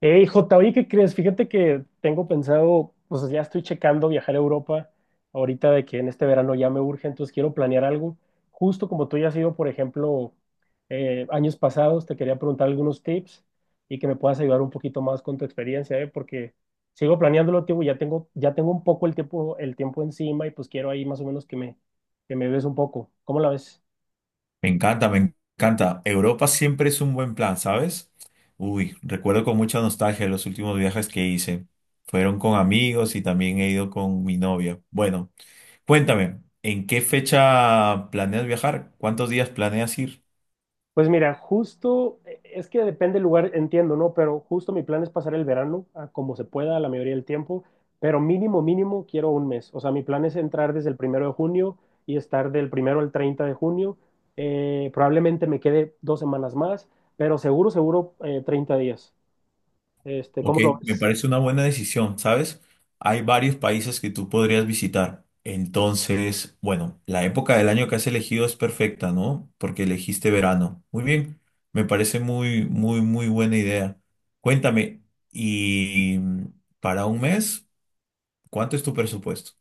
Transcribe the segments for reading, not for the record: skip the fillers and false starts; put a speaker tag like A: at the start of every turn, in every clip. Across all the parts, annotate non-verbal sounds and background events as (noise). A: Hey, J, oye, ¿qué crees? Fíjate que tengo pensado, pues ya estoy checando viajar a Europa ahorita de que en este verano ya me urge, entonces quiero planear algo. Justo como tú ya has ido, por ejemplo, años pasados, te quería preguntar algunos tips y que me puedas ayudar un poquito más con tu experiencia, ¿eh? Porque sigo planeándolo, tío, y ya tengo un poco el tiempo, encima y pues quiero ahí más o menos que me ves un poco. ¿Cómo la ves?
B: Me encanta, me encanta. Europa siempre es un buen plan, ¿sabes? Uy, recuerdo con mucha nostalgia los últimos viajes que hice. Fueron con amigos y también he ido con mi novia. Bueno, cuéntame, ¿en qué fecha planeas viajar? ¿Cuántos días planeas ir?
A: Pues mira, justo, es que depende del lugar, entiendo, ¿no? Pero justo mi plan es pasar el verano a como se pueda la mayoría del tiempo, pero mínimo, mínimo quiero un mes. O sea, mi plan es entrar desde el primero de junio y estar del primero al 30 de junio. Probablemente me quede 2 semanas más, pero seguro, seguro, 30 días. Este,
B: Ok,
A: ¿cómo lo
B: me
A: ves?
B: parece una buena decisión, ¿sabes? Hay varios países que tú podrías visitar. Entonces, bueno, la época del año que has elegido es perfecta, ¿no? Porque elegiste verano. Muy bien, me parece muy, muy, muy buena idea. Cuéntame, ¿y para un mes, cuánto es tu presupuesto?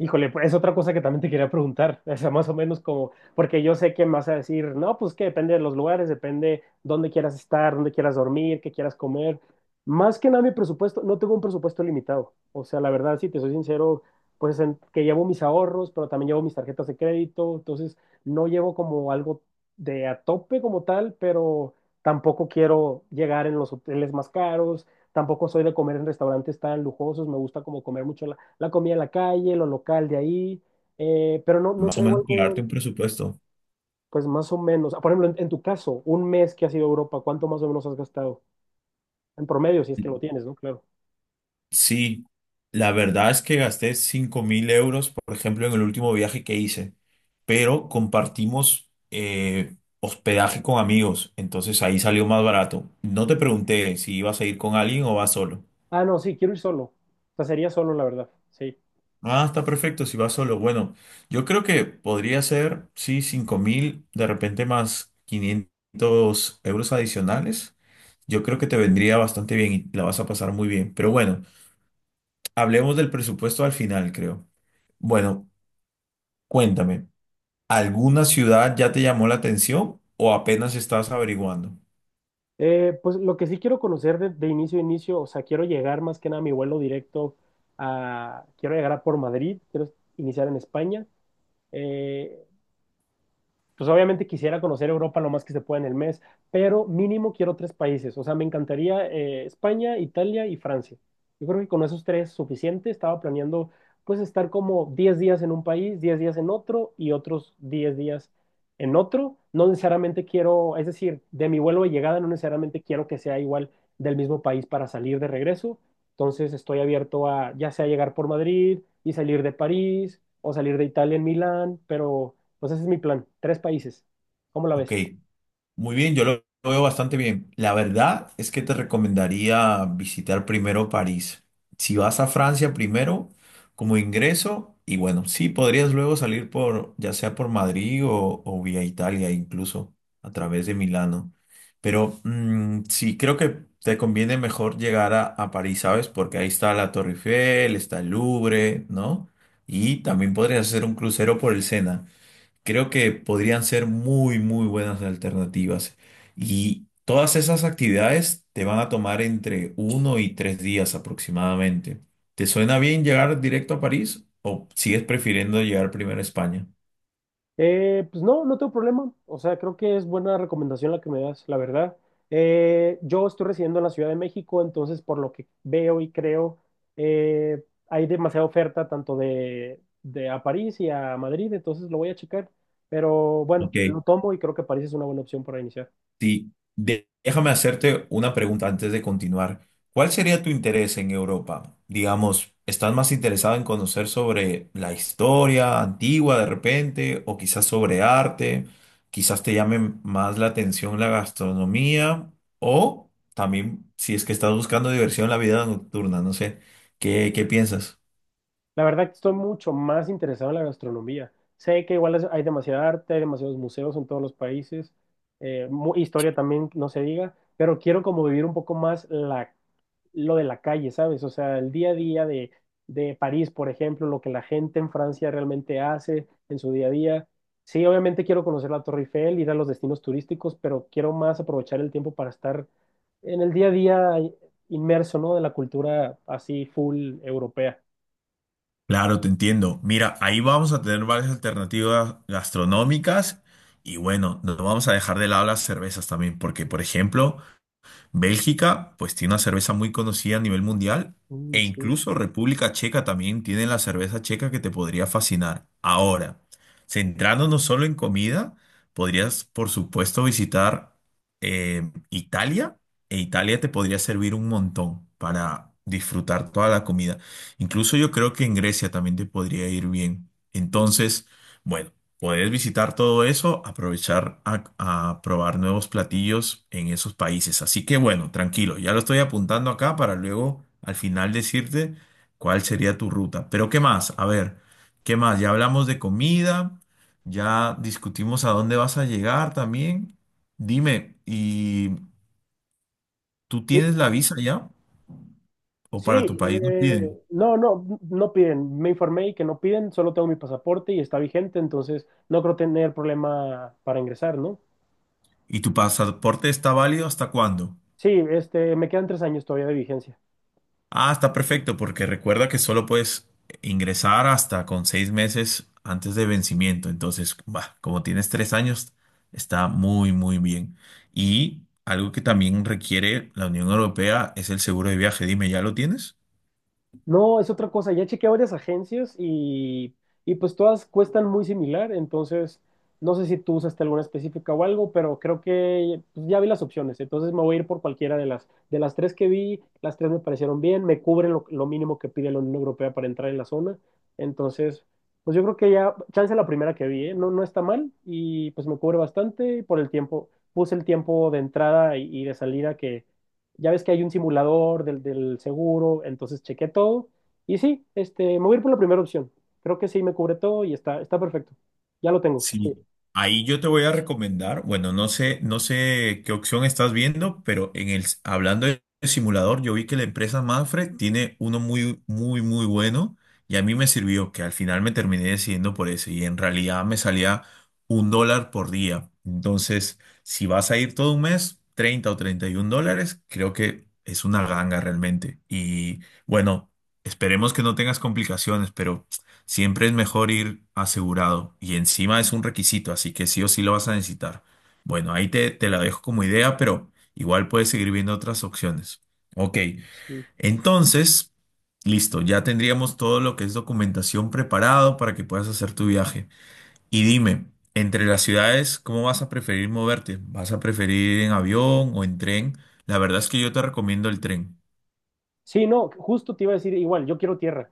A: Híjole, pues es otra cosa que también te quería preguntar, (laughs) o sea, más o menos como, porque yo sé que me vas a decir, no, pues que depende de los lugares, depende dónde quieras estar, dónde quieras dormir, qué quieras comer. Más que nada mi presupuesto, no tengo un presupuesto limitado, o sea, la verdad, si te soy sincero, pues que llevo mis ahorros, pero también llevo mis tarjetas de crédito, entonces no llevo como algo de a tope como tal, pero tampoco quiero llegar en los hoteles más caros, tampoco soy de comer en restaurantes tan lujosos, me gusta como comer mucho la comida de la calle, lo local de ahí, pero no, no
B: Más o
A: traigo
B: menos, para darte
A: algo,
B: un presupuesto.
A: pues más o menos. Por ejemplo, en tu caso, un mes que has ido a Europa, ¿cuánto más o menos has gastado? En promedio, si es que lo tienes, ¿no? Claro.
B: Sí, la verdad es que gasté 5.000 euros, por ejemplo, en el último viaje que hice, pero compartimos hospedaje con amigos, entonces ahí salió más barato. No te pregunté si ibas a ir con alguien o vas solo.
A: Ah, no, sí, quiero ir solo. O sea, sería solo, la verdad, sí.
B: Ah, está perfecto, si vas solo. Bueno, yo creo que podría ser, sí, 5.000, de repente más 500 euros adicionales. Yo creo que te vendría bastante bien y la vas a pasar muy bien. Pero bueno, hablemos del presupuesto al final, creo. Bueno, cuéntame, ¿alguna ciudad ya te llamó la atención o apenas estás averiguando?
A: Pues lo que sí quiero conocer de, inicio a inicio, o sea, quiero llegar más que nada a mi vuelo directo quiero llegar a por Madrid, quiero iniciar en España. Eh, Pues obviamente quisiera conocer Europa lo más que se pueda en el mes, pero mínimo quiero tres países. O sea, me encantaría España, Italia y Francia. Yo creo que con esos tres suficiente. Estaba planeando pues estar como 10 días en un país, 10 días en otro y otros 10 días en otro. No necesariamente quiero, es decir, de mi vuelo de llegada no necesariamente quiero que sea igual del mismo país para salir de regreso. Entonces estoy abierto a ya sea llegar por Madrid y salir de París o salir de Italia en Milán, pero pues ese es mi plan, tres países. ¿Cómo la
B: Ok,
A: ves?
B: muy bien, yo lo veo bastante bien. La verdad es que te recomendaría visitar primero París. Si vas a Francia primero como ingreso, y bueno, sí, podrías luego salir por, ya sea por Madrid o vía Italia, incluso a través de Milano. Pero sí, creo que te conviene mejor llegar a París, ¿sabes? Porque ahí está la Torre Eiffel, está el Louvre, ¿no? Y también podrías hacer un crucero por el Sena. Creo que podrían ser muy, muy buenas alternativas. Y todas esas actividades te van a tomar entre uno y tres días aproximadamente. ¿Te suena bien llegar directo a París o sigues prefiriendo llegar primero a España?
A: Pues no, no tengo problema. O sea, creo que es buena recomendación la que me das, la verdad. Yo estoy residiendo en la Ciudad de México, entonces por lo que veo y creo, hay demasiada oferta tanto de, a París y a Madrid, entonces lo voy a checar. Pero bueno,
B: Ok.
A: lo tomo y creo que París es una buena opción para iniciar.
B: Sí, déjame hacerte una pregunta antes de continuar. ¿Cuál sería tu interés en Europa? Digamos, ¿estás más interesado en conocer sobre la historia antigua de repente o quizás sobre arte? Quizás te llame más la atención la gastronomía o también si es que estás buscando diversión en la vida nocturna, no sé. ¿Qué, qué piensas?
A: La verdad que estoy mucho más interesado en la gastronomía. Sé que igual hay demasiada arte, hay demasiados museos en todos los países, historia también, no se diga, pero quiero como vivir un poco más lo de la calle, ¿sabes? O sea, el día a día de París, por ejemplo, lo que la gente en Francia realmente hace en su día a día. Sí, obviamente quiero conocer la Torre Eiffel, ir a los destinos turísticos, pero quiero más aprovechar el tiempo para estar en el día a día inmerso, ¿no? De la cultura así full europea.
B: Claro, te entiendo. Mira, ahí vamos a tener varias alternativas gastronómicas y bueno, no vamos a dejar de lado las cervezas también, porque por ejemplo, Bélgica, pues tiene una cerveza muy conocida a nivel mundial. E
A: Uy, sí.
B: incluso República Checa también tiene la cerveza checa que te podría fascinar. Ahora, centrándonos solo en comida, podrías, por supuesto, visitar Italia. E Italia te podría servir un montón para disfrutar toda la comida. Incluso yo creo que en Grecia también te podría ir bien. Entonces, bueno. Puedes visitar todo eso, aprovechar a probar nuevos platillos en esos países. Así que bueno, tranquilo, ya lo estoy apuntando acá para luego al final decirte cuál sería tu ruta. Pero ¿qué más? A ver, ¿qué más? Ya hablamos de comida, ya discutimos a dónde vas a llegar también. Dime, ¿y tú tienes
A: Sí,
B: la visa ya? ¿O para tu
A: sí,
B: país nos
A: eh,
B: piden?
A: no, no, no piden. Me informé y que no piden, solo tengo mi pasaporte y está vigente, entonces no creo tener problema para ingresar, ¿no?
B: ¿Y tu pasaporte está válido hasta cuándo?
A: Sí, este, me quedan 3 años todavía de vigencia.
B: Ah, está perfecto, porque recuerda que solo puedes ingresar hasta con 6 meses antes de vencimiento. Entonces, bah, como tienes 3 años, está muy, muy bien. Y algo que también requiere la Unión Europea es el seguro de viaje. Dime, ¿ya lo tienes?
A: No, es otra cosa. Ya chequeé varias agencias y pues todas cuestan muy similar. Entonces, no sé si tú usaste alguna específica o algo, pero creo que pues, ya vi las opciones. Entonces me voy a ir por cualquiera de las, tres que vi. Las tres me parecieron bien, me cubren lo mínimo que pide la Unión Europea para entrar en la zona. Entonces, pues yo creo que ya, chance la primera que vi, ¿eh? No, no está mal y pues me cubre bastante y por el tiempo. Puse el tiempo de entrada y de salida que ya ves que hay un simulador del seguro, entonces chequé todo y sí, este, me voy a ir por la primera opción. Creo que sí me cubre todo y está perfecto. Ya lo tengo. Sí,
B: Sí, ahí yo te voy a recomendar, bueno, no sé, no sé qué opción estás viendo, pero en el, hablando de simulador, yo vi que la empresa Manfred tiene uno muy, muy, muy bueno y a mí me sirvió, que al final me terminé decidiendo por ese y en realidad me salía un dólar por día. Entonces, si vas a ir todo un mes, 30 o $31, creo que es una ganga realmente. Y bueno, esperemos que no tengas complicaciones, pero... Siempre es mejor ir asegurado y encima es un requisito, así que sí o sí lo vas a necesitar. Bueno, ahí te la dejo como idea, pero igual puedes seguir viendo otras opciones. Ok,
A: sí.
B: entonces, listo, ya tendríamos todo lo que es documentación preparado para que puedas hacer tu viaje. Y dime, entre las ciudades, ¿cómo vas a preferir moverte? ¿Vas a preferir ir en avión o en tren? La verdad es que yo te recomiendo el tren.
A: Sí, no, justo te iba a decir igual, yo quiero tierra.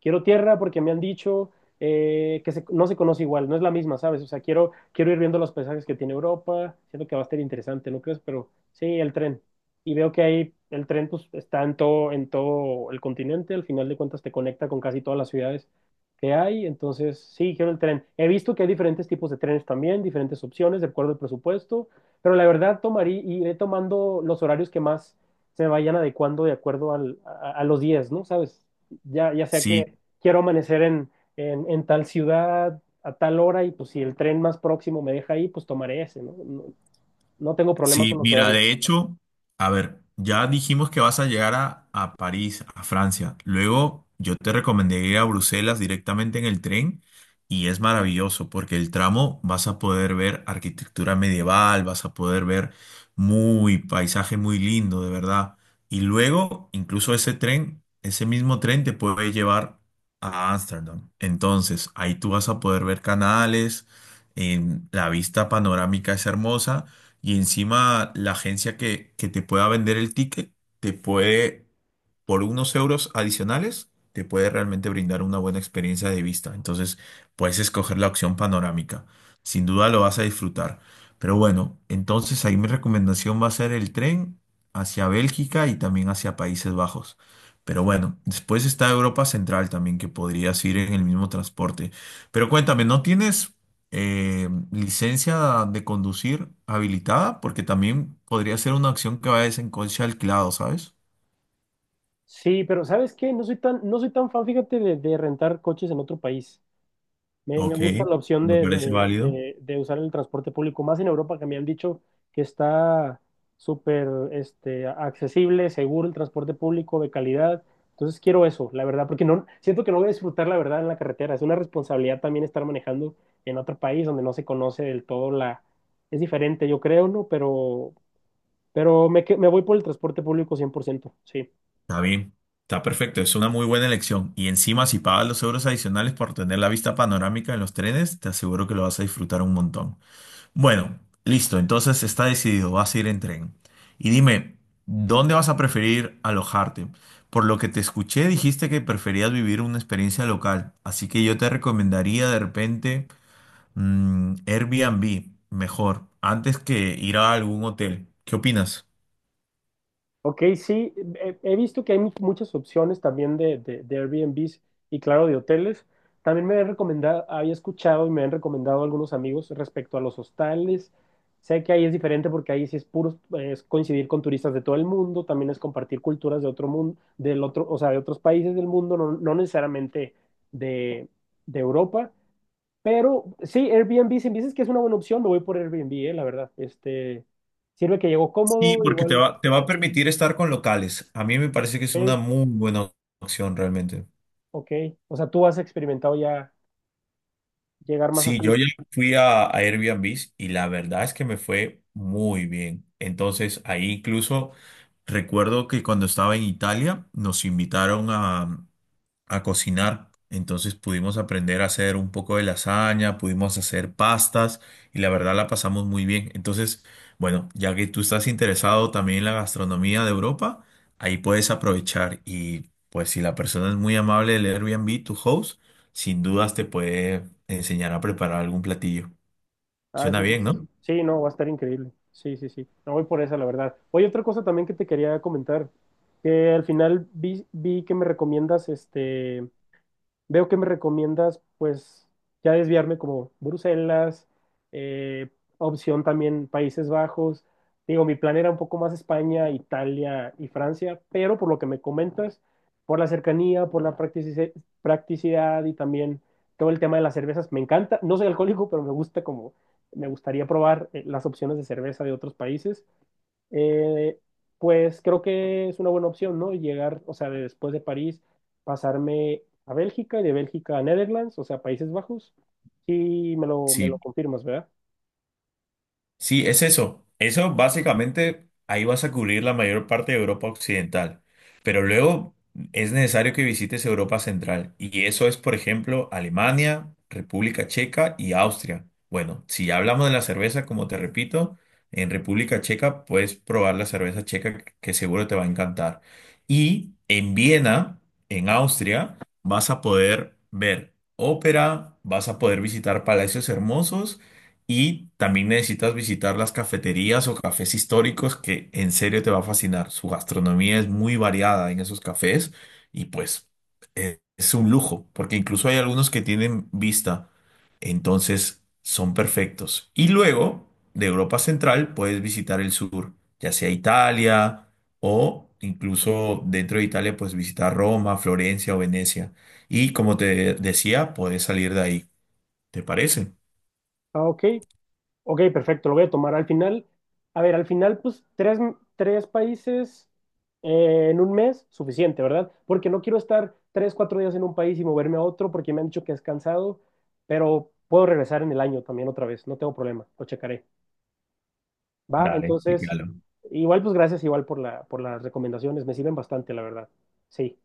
A: Quiero tierra porque me han dicho que no se conoce igual, no es la misma, ¿sabes? O sea, quiero ir viendo los paisajes que tiene Europa, siento que va a estar interesante, ¿no crees? Pero sí, el tren. Y veo que ahí el tren pues está en todo el continente, al final de cuentas te conecta con casi todas las ciudades que hay, entonces sí, quiero el tren. He visto que hay diferentes tipos de trenes también, diferentes opciones, de acuerdo al presupuesto, pero la verdad tomaría, iré tomando los horarios que más se vayan adecuando de acuerdo a los días, ¿no? ¿Sabes? Ya sea
B: Sí,
A: que quiero amanecer en, en tal ciudad a tal hora y pues si el tren más próximo me deja ahí, pues tomaré ese, ¿no? No, no tengo problema
B: sí,
A: con los
B: mira,
A: horarios.
B: de hecho, a ver, ya dijimos que vas a llegar a París, a Francia. Luego yo te recomendé ir a Bruselas directamente en el tren y es maravilloso porque el tramo vas a poder ver arquitectura medieval, vas a poder ver muy paisaje muy lindo, de verdad. Y luego, incluso ese tren, ese mismo tren te puede llevar a Ámsterdam. Entonces, ahí tú vas a poder ver canales, en la vista panorámica es hermosa. Y encima la agencia que te pueda vender el ticket te puede, por unos euros adicionales, te puede realmente brindar una buena experiencia de vista. Entonces puedes escoger la opción panorámica. Sin duda lo vas a disfrutar. Pero bueno, entonces ahí mi recomendación va a ser el tren hacia Bélgica y también hacia Países Bajos. Pero bueno, después está Europa Central también, que podrías ir en el mismo transporte. Pero cuéntame, ¿no tienes licencia de conducir habilitada, porque también podría ser una acción que vaya en coche alquilado, ¿sabes?
A: Sí, pero ¿sabes qué? No soy tan fan, fíjate, de, rentar coches en otro país. Me
B: Ok,
A: gusta la opción
B: me
A: de,
B: parece
A: de-
B: válido.
A: de- de usar el transporte público, más en Europa que me han dicho que está súper accesible, seguro el transporte público, de calidad. Entonces quiero eso, la verdad, porque no, siento que no voy a disfrutar la verdad en la carretera. Es una responsabilidad también estar manejando en otro país donde no se conoce del todo la. Es diferente, yo creo, ¿no? Pero me voy por el transporte público 100% sí.
B: Está bien, está perfecto, es una muy buena elección. Y encima, si pagas los euros adicionales por tener la vista panorámica en los trenes, te aseguro que lo vas a disfrutar un montón. Bueno, listo, entonces está decidido, vas a ir en tren. Y dime, ¿dónde vas a preferir alojarte? Por lo que te escuché, dijiste que preferías vivir una experiencia local, así que yo te recomendaría de repente Airbnb, mejor, antes que ir a algún hotel. ¿Qué opinas?
A: Ok, sí, he visto que hay muchas opciones también de, de Airbnbs y claro, de hoteles. También me han recomendado, había escuchado y me han recomendado algunos amigos respecto a los hostales. Sé que ahí es diferente porque ahí sí es puro, es coincidir con turistas de todo el mundo, también es compartir culturas de otro mundo, del otro, o sea, de otros países del mundo, no, no necesariamente de, de Europa. Pero sí, Airbnb, si me dices que es una buena opción, me voy por Airbnb, la verdad. Sirve que llego
B: Sí,
A: cómodo,
B: porque te
A: igual,
B: va, te va a permitir estar con locales. A mí me parece que es una
A: ok.
B: muy buena opción realmente.
A: Ok, o sea, tú has experimentado ya llegar más
B: Sí,
A: así.
B: yo ya fui a Airbnb y la verdad es que me fue muy bien. Entonces, ahí incluso recuerdo que cuando estaba en Italia nos invitaron a cocinar. Entonces pudimos aprender a hacer un poco de lasaña, pudimos hacer pastas y la verdad la pasamos muy bien. Entonces, bueno, ya que tú estás interesado también en la gastronomía de Europa, ahí puedes aprovechar y pues si la persona es muy amable del Airbnb, tu host, sin dudas te puede enseñar a preparar algún platillo.
A: Ah,
B: Suena
A: eso,
B: bien,
A: pues,
B: ¿no?
A: sí, no, va a estar increíble. Sí, sí, sí. No voy por esa, la verdad. Oye, otra cosa también que te quería comentar, que al final vi, vi que me recomiendas este veo que me recomiendas, pues, ya desviarme como Bruselas, eh, opción también Países Bajos. Digo, mi plan era un poco más España, Italia y Francia, pero por lo que me comentas, por la cercanía, por la practicidad y también todo el tema de las cervezas, me encanta. No soy alcohólico, pero me gustaría probar las opciones de cerveza de otros países eh, pues creo que es una buena opción, ¿no? Llegar, o sea, de después de París, pasarme a Bélgica y de Bélgica a Netherlands, o sea, Países Bajos. Sí, me lo
B: Sí.
A: confirmas, ¿verdad?
B: Sí, es eso. Eso básicamente ahí vas a cubrir la mayor parte de Europa Occidental. Pero luego es necesario que visites Europa Central. Y eso es, por ejemplo, Alemania, República Checa y Austria. Bueno, si ya hablamos de la cerveza, como te repito, en República Checa puedes probar la cerveza checa que seguro te va a encantar. Y en Viena, en Austria, vas a poder ver ópera, vas a poder visitar palacios hermosos y también necesitas visitar las cafeterías o cafés históricos que en serio te va a fascinar. Su gastronomía es muy variada en esos cafés y pues es un lujo, porque incluso hay algunos que tienen vista, entonces son perfectos. Y luego, de Europa Central, puedes visitar el sur, ya sea Italia o incluso dentro de Italia, pues visitar Roma, Florencia o Venecia. Y como te decía, puedes salir de ahí. ¿Te parece?
A: Ah, ok. Ok, perfecto, lo voy a tomar. Al final, a ver, al final, pues tres, países en un mes, suficiente, ¿verdad? Porque no quiero estar 3, 4 días en un país y moverme a otro porque me han dicho que es cansado, pero puedo regresar en el año también otra vez, no tengo problema, lo checaré. Va,
B: Dale, sí,
A: entonces,
B: claro.
A: igual pues gracias igual por las recomendaciones, me sirven bastante, la verdad. Sí.